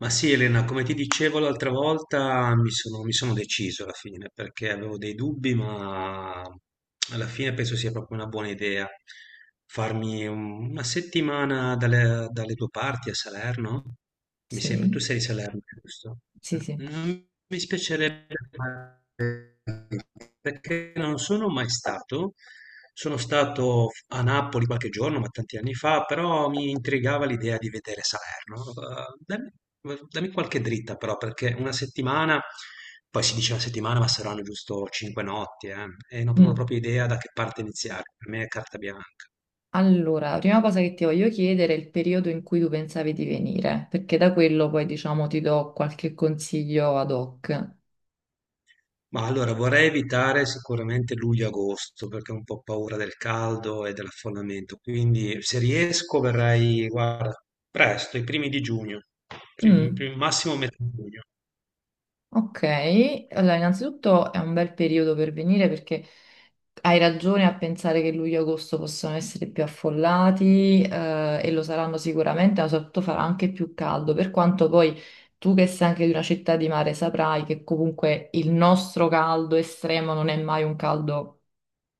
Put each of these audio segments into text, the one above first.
Ma sì, Elena, come ti dicevo l'altra volta, mi sono deciso alla fine perché avevo dei dubbi, ma alla fine penso sia proprio una buona idea farmi una settimana dalle tue parti a Salerno. Mi sembra, Sì, tu sei di Salerno, giusto? sì, Eh, sì. Non mi spiacerebbe perché non sono mai stato. Sono stato a Napoli qualche giorno, ma tanti anni fa, però mi intrigava l'idea di vedere Salerno. Dammi qualche dritta però, perché una settimana, poi si dice una settimana, ma saranno giusto cinque notti, e non ho Mm. proprio idea da che parte iniziare. Per me è carta bianca. Allora, la prima cosa che ti voglio chiedere è il periodo in cui tu pensavi di venire, perché da quello poi, diciamo, ti do qualche consiglio ad hoc. Ma allora vorrei evitare sicuramente luglio-agosto perché ho un po' paura del caldo e dell'affollamento, quindi se riesco verrei, guarda, presto, i primi di giugno, Mm. Massimo metà giugno. Ok, allora innanzitutto è un bel periodo per venire perché hai ragione a pensare che luglio e agosto possono essere più affollati e lo saranno sicuramente, ma soprattutto farà anche più caldo, per quanto poi tu che sei anche di una città di mare saprai che comunque il nostro caldo estremo non è mai un caldo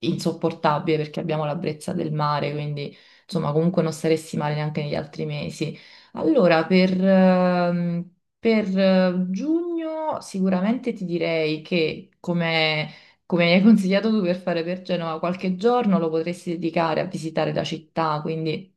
insopportabile perché abbiamo la brezza del mare, quindi insomma comunque non saresti male neanche negli altri mesi. Allora, per giugno sicuramente ti direi che, come, come mi hai consigliato tu per fare per Genova, qualche giorno lo potresti dedicare a visitare la città, quindi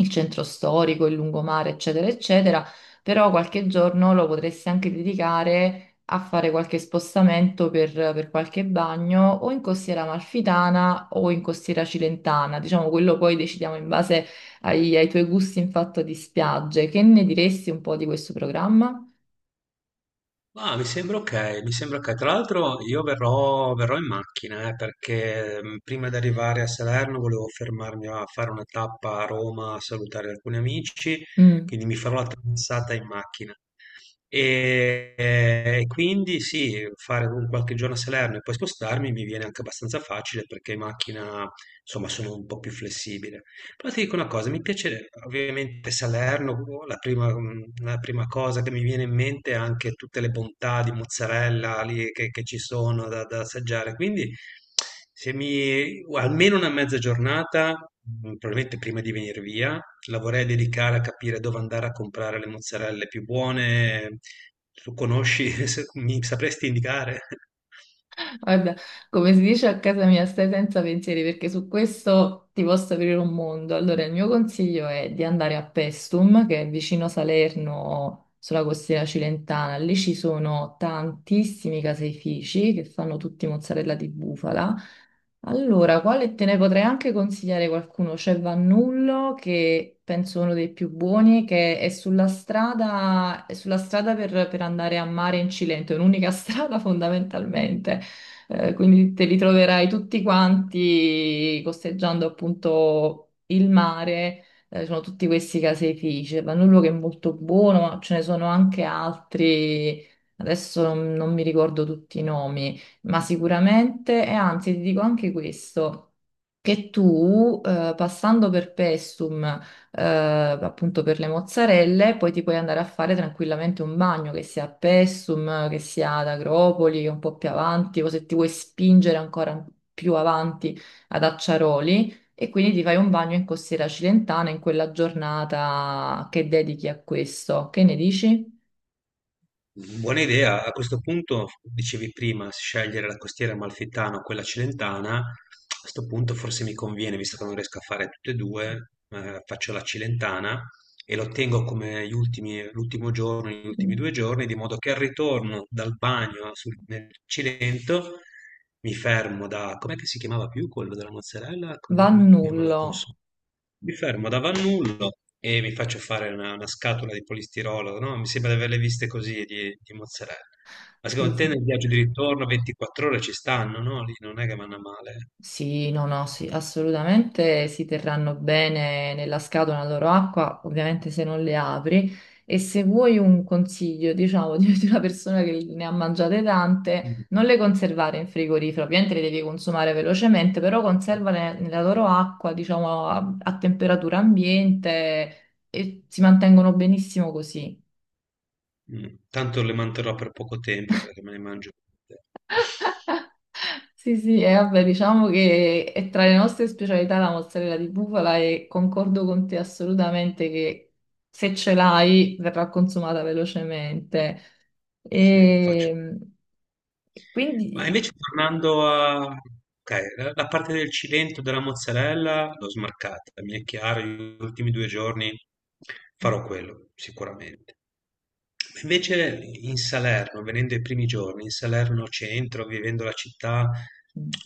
il centro storico, il lungomare, eccetera, eccetera, però qualche giorno lo potresti anche dedicare a fare qualche spostamento per qualche bagno o in costiera amalfitana o in costiera cilentana, diciamo quello poi decidiamo in base ai, ai tuoi gusti in fatto di spiagge. Che ne diresti un po' di questo programma? Ma mi sembra ok, mi sembra ok. Tra l'altro io verrò in macchina perché prima di arrivare a Salerno volevo fermarmi a fare una tappa a Roma a salutare alcuni amici, Mh. quindi mi farò la traversata in macchina. E quindi sì, fare un qualche giorno a Salerno e poi spostarmi mi viene anche abbastanza facile perché in macchina, insomma, sono un po' più flessibile. Però ti dico una cosa, mi piace ovviamente Salerno, la prima, la prima cosa che mi viene in mente è anche tutte le bontà di mozzarella lì che ci sono da assaggiare, quindi se mi, almeno una mezza giornata, probabilmente prima di venire via, la vorrei dedicare a capire dove andare a comprare le mozzarelle più buone. Tu conosci, mi sapresti indicare? Guarda, come si dice a casa mia, stai senza pensieri perché su questo ti posso aprire un mondo. Allora, il mio consiglio è di andare a Pestum, che è vicino Salerno, sulla costiera cilentana. Lì ci sono tantissimi caseifici che fanno tutti mozzarella di bufala. Allora, quale te ne potrei anche consigliare qualcuno? C'è Vannullo, che penso uno dei più buoni, che è sulla strada per andare a mare in Cilento, è un'unica strada fondamentalmente. Quindi te li troverai tutti quanti costeggiando appunto il mare. Sono tutti questi caseifici. Vanullo che è molto buono, ma ce ne sono anche altri. Adesso non, non mi ricordo tutti i nomi, ma sicuramente, e anzi, ti dico anche questo. Che tu, passando per Pestum appunto per le mozzarelle, poi ti puoi andare a fare tranquillamente un bagno, che sia a Pessum, che sia ad Agropoli, un po' più avanti, o se ti vuoi spingere ancora più avanti ad Acciaroli, e quindi ti fai un bagno in Costiera Cilentana in quella giornata che dedichi a questo. Che ne dici? Buona idea. A questo punto, dicevi prima, scegliere la costiera amalfitana o quella cilentana. A questo punto forse mi conviene, visto che non riesco a fare tutte e due, faccio la cilentana e lo tengo come gli ultimi, l'ultimo giorno, gli ultimi due giorni, di modo che al ritorno dal bagno nel Cilento mi fermo da, com'è che si chiamava più quello della mozzarella? Così me, che me lo Vannullo. consumo. Mi fermo da Vannullo e mi faccio fare una scatola di polistirolo, no? Mi sembra di averle viste così di mozzarella. Ma Sì, secondo te sì. nel viaggio di ritorno 24 ore ci stanno, no? Lì non è che vanno a male. Eh? Sì, no, no, sì, assolutamente si terranno bene nella scatola la loro acqua, ovviamente se non le apri. E se vuoi un consiglio, diciamo, di una persona che ne ha mangiate tante, Mm. non le conservare in frigorifero, ovviamente le devi consumare velocemente, però conservale nella loro acqua, diciamo, a, a temperatura ambiente e si mantengono benissimo così. Mm. Tanto le manterrò per poco tempo perché me ne mangio tutte. Sì, sì, e vabbè, diciamo che è tra le nostre specialità la mozzarella di bufala e concordo con te assolutamente che se ce l'hai verrà consumata velocemente. Sì, sì, la faccio. E Ma quindi... invece tornando a... ok, la parte del Cilento della mozzarella l'ho smarcata, mi è chiaro, gli ultimi due giorni farò quello, sicuramente. Ma invece in Salerno, venendo i primi giorni, in Salerno centro, vivendo la città,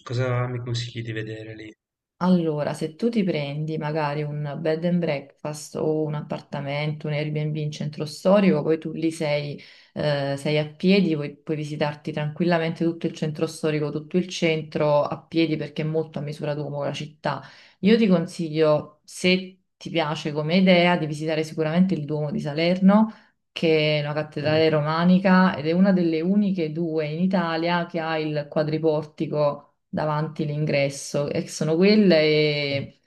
cosa mi consigli di vedere lì? Allora, se tu ti prendi magari un bed and breakfast o un appartamento, un Airbnb in centro storico, poi tu lì sei, sei a piedi, puoi, puoi visitarti tranquillamente tutto il centro storico, tutto il centro a piedi perché è molto a misura d'uomo la città. Io ti consiglio, Mm, se ti piace come idea, di visitare sicuramente il Duomo di Salerno, che è una cattedrale romanica ed è una delle uniche due in Italia che ha il quadriportico davanti l'ingresso, e sono quelle mm.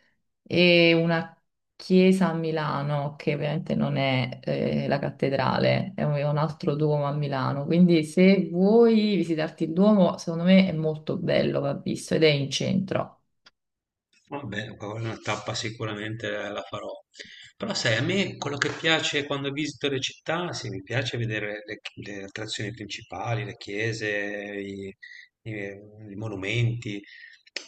e una chiesa a Milano, che ovviamente non è la cattedrale, è un altro Duomo a Milano. Quindi se vuoi visitarti il Duomo, secondo me è molto bello, va visto, ed è in centro. Vabbè, quella è una tappa sicuramente la farò. Però sai, a me quello che piace quando visito le città, sì, mi piace vedere le attrazioni principali, le chiese, i, i- i monumenti,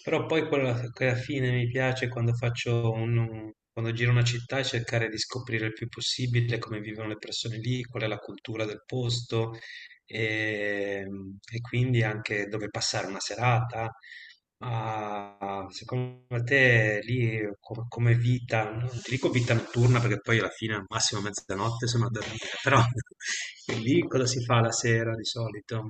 però poi quella che alla fine mi piace quando faccio un, quando giro una città è cercare di scoprire il più possibile come vivono le persone lì, qual è la cultura del posto, e, e quindi anche dove passare una serata. Ma secondo te lì come vita, non ti dico vita notturna perché poi alla fine al massimo mezzanotte sono a dormire, però lì cosa si fa la sera di solito?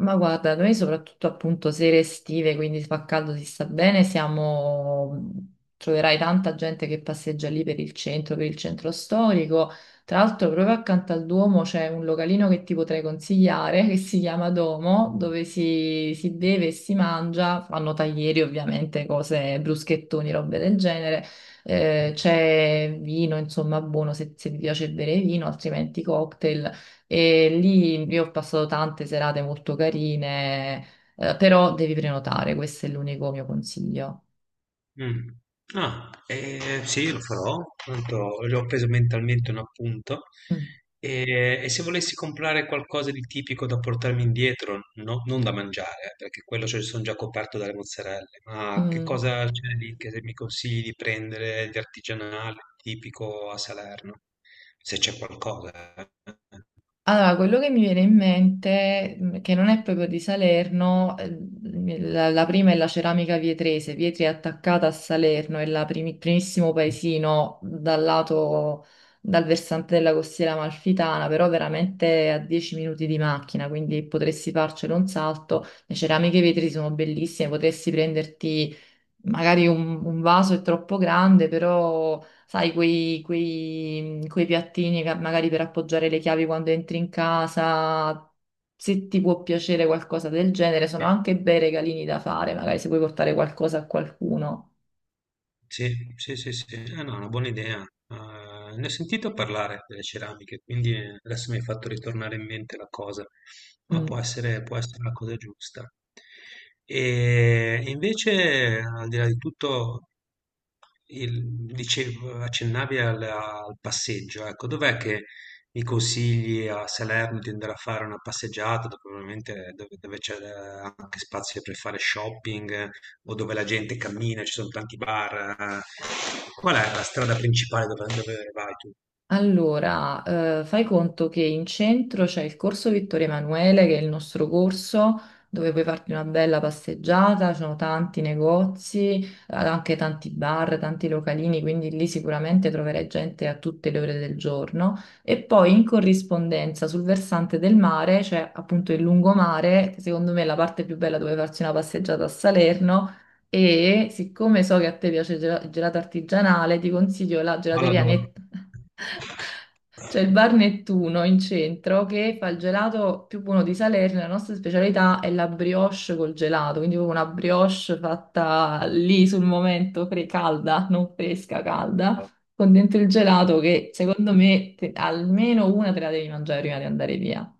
Ma guarda, noi soprattutto appunto sere estive, quindi fa caldo, si sta bene, siamo... troverai tanta gente che passeggia lì per il centro storico. Tra l'altro proprio accanto al Duomo c'è un localino che ti potrei consigliare, che si chiama Domo, dove si beve e si mangia, fanno taglieri ovviamente, cose, bruschettoni, robe del genere. C'è vino, insomma, buono se, se ti piace bere vino, altrimenti cocktail. E lì io ho passato tante serate molto carine, però devi prenotare, questo è l'unico mio consiglio. Mh. Ah, sì lo farò, tanto già ho preso mentalmente un appunto. Mm. E se volessi comprare qualcosa di tipico da portarmi indietro, no non da mangiare, perché quello ce son già coperto dalle mozzarelle, ma che Mm. cosa c'è lì che mi consigli di prendere di artigianale, tipico a Salerno? Se c'è qualcosa, eh. Allora, quello che mi viene in mente, che non è proprio di Salerno, la, la prima è la ceramica vietrese. Vietri è attaccata a Salerno, è la primi- primissimo paesino dal lato, dal versante della costiera amalfitana, però veramente a 10 minuti di macchina, quindi potresti farcelo un salto. Le ceramiche Vietri sono bellissime, potresti prenderti magari un vaso è troppo grande, però sai, quei, quei piattini che magari per appoggiare le chiavi quando entri in casa, se ti può piacere qualcosa del genere, sono Sì? anche bei regalini da fare, magari se vuoi portare qualcosa a qualcuno. Sì, sì, sì, sì. Eh no, è una buona idea. Ne ho sentito parlare delle ceramiche, quindi adesso mi hai fatto ritornare in mente la cosa, ma Mm. Può essere la cosa giusta. E invece, al di là di tutto, il- dicevo, accennavi al passeggio, ecco, dov'è che mi consigli a Salerno di andare a fare una passeggiata, dove probabilmente dove c'è anche spazio per fare shopping o dove la gente cammina, ci sono tanti bar. Eh. Qual è la strada principale dove, dove vai tu? Allora, fai conto che in centro c'è il corso Vittorio Emanuele, che è il nostro corso dove puoi farti una bella passeggiata, ci sono tanti negozi, anche tanti bar, tanti localini, quindi lì sicuramente troverai gente a tutte le ore del giorno. E poi in corrispondenza sul versante del mare c'è appunto il lungomare, che secondo me è la parte più bella dove farsi una passeggiata a Salerno. E siccome so che a te piace il il gelato artigianale, ti consiglio la gelateria Alador. Netta. C'è il bar Nettuno in centro che fa il gelato più buono di Salerno. La nostra specialità è la brioche col gelato, quindi proprio una brioche fatta lì sul momento, calda, non fresca, calda, con dentro il gelato che secondo me almeno una te la devi mangiare prima di andare via.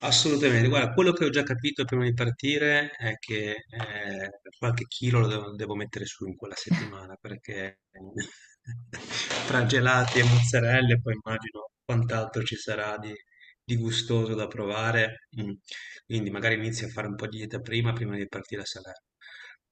Assolutamente, guarda, quello che ho già capito prima di partire è che qualche chilo devo mettere su in quella settimana perché tra gelati e mozzarelle poi immagino quant'altro ci sarà di gustoso da provare. Mm. Quindi magari inizio a fare un po' di dieta prima di partire a Salerno.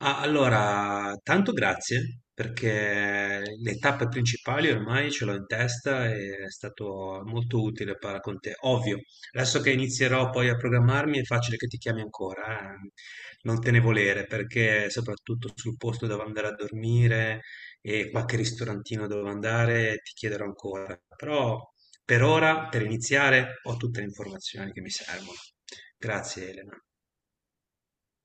Ah, allora, tanto grazie perché le tappe principali ormai ce l'ho in testa e è stato molto utile parlare con te. Ovvio, adesso che inizierò poi a programmarmi è facile che ti chiami ancora, eh. Non te ne volere perché soprattutto sul posto dove andare a dormire e qualche ristorantino dove andare ti chiederò ancora. Però per ora, per iniziare, ho tutte le informazioni che mi servono. Grazie Elena.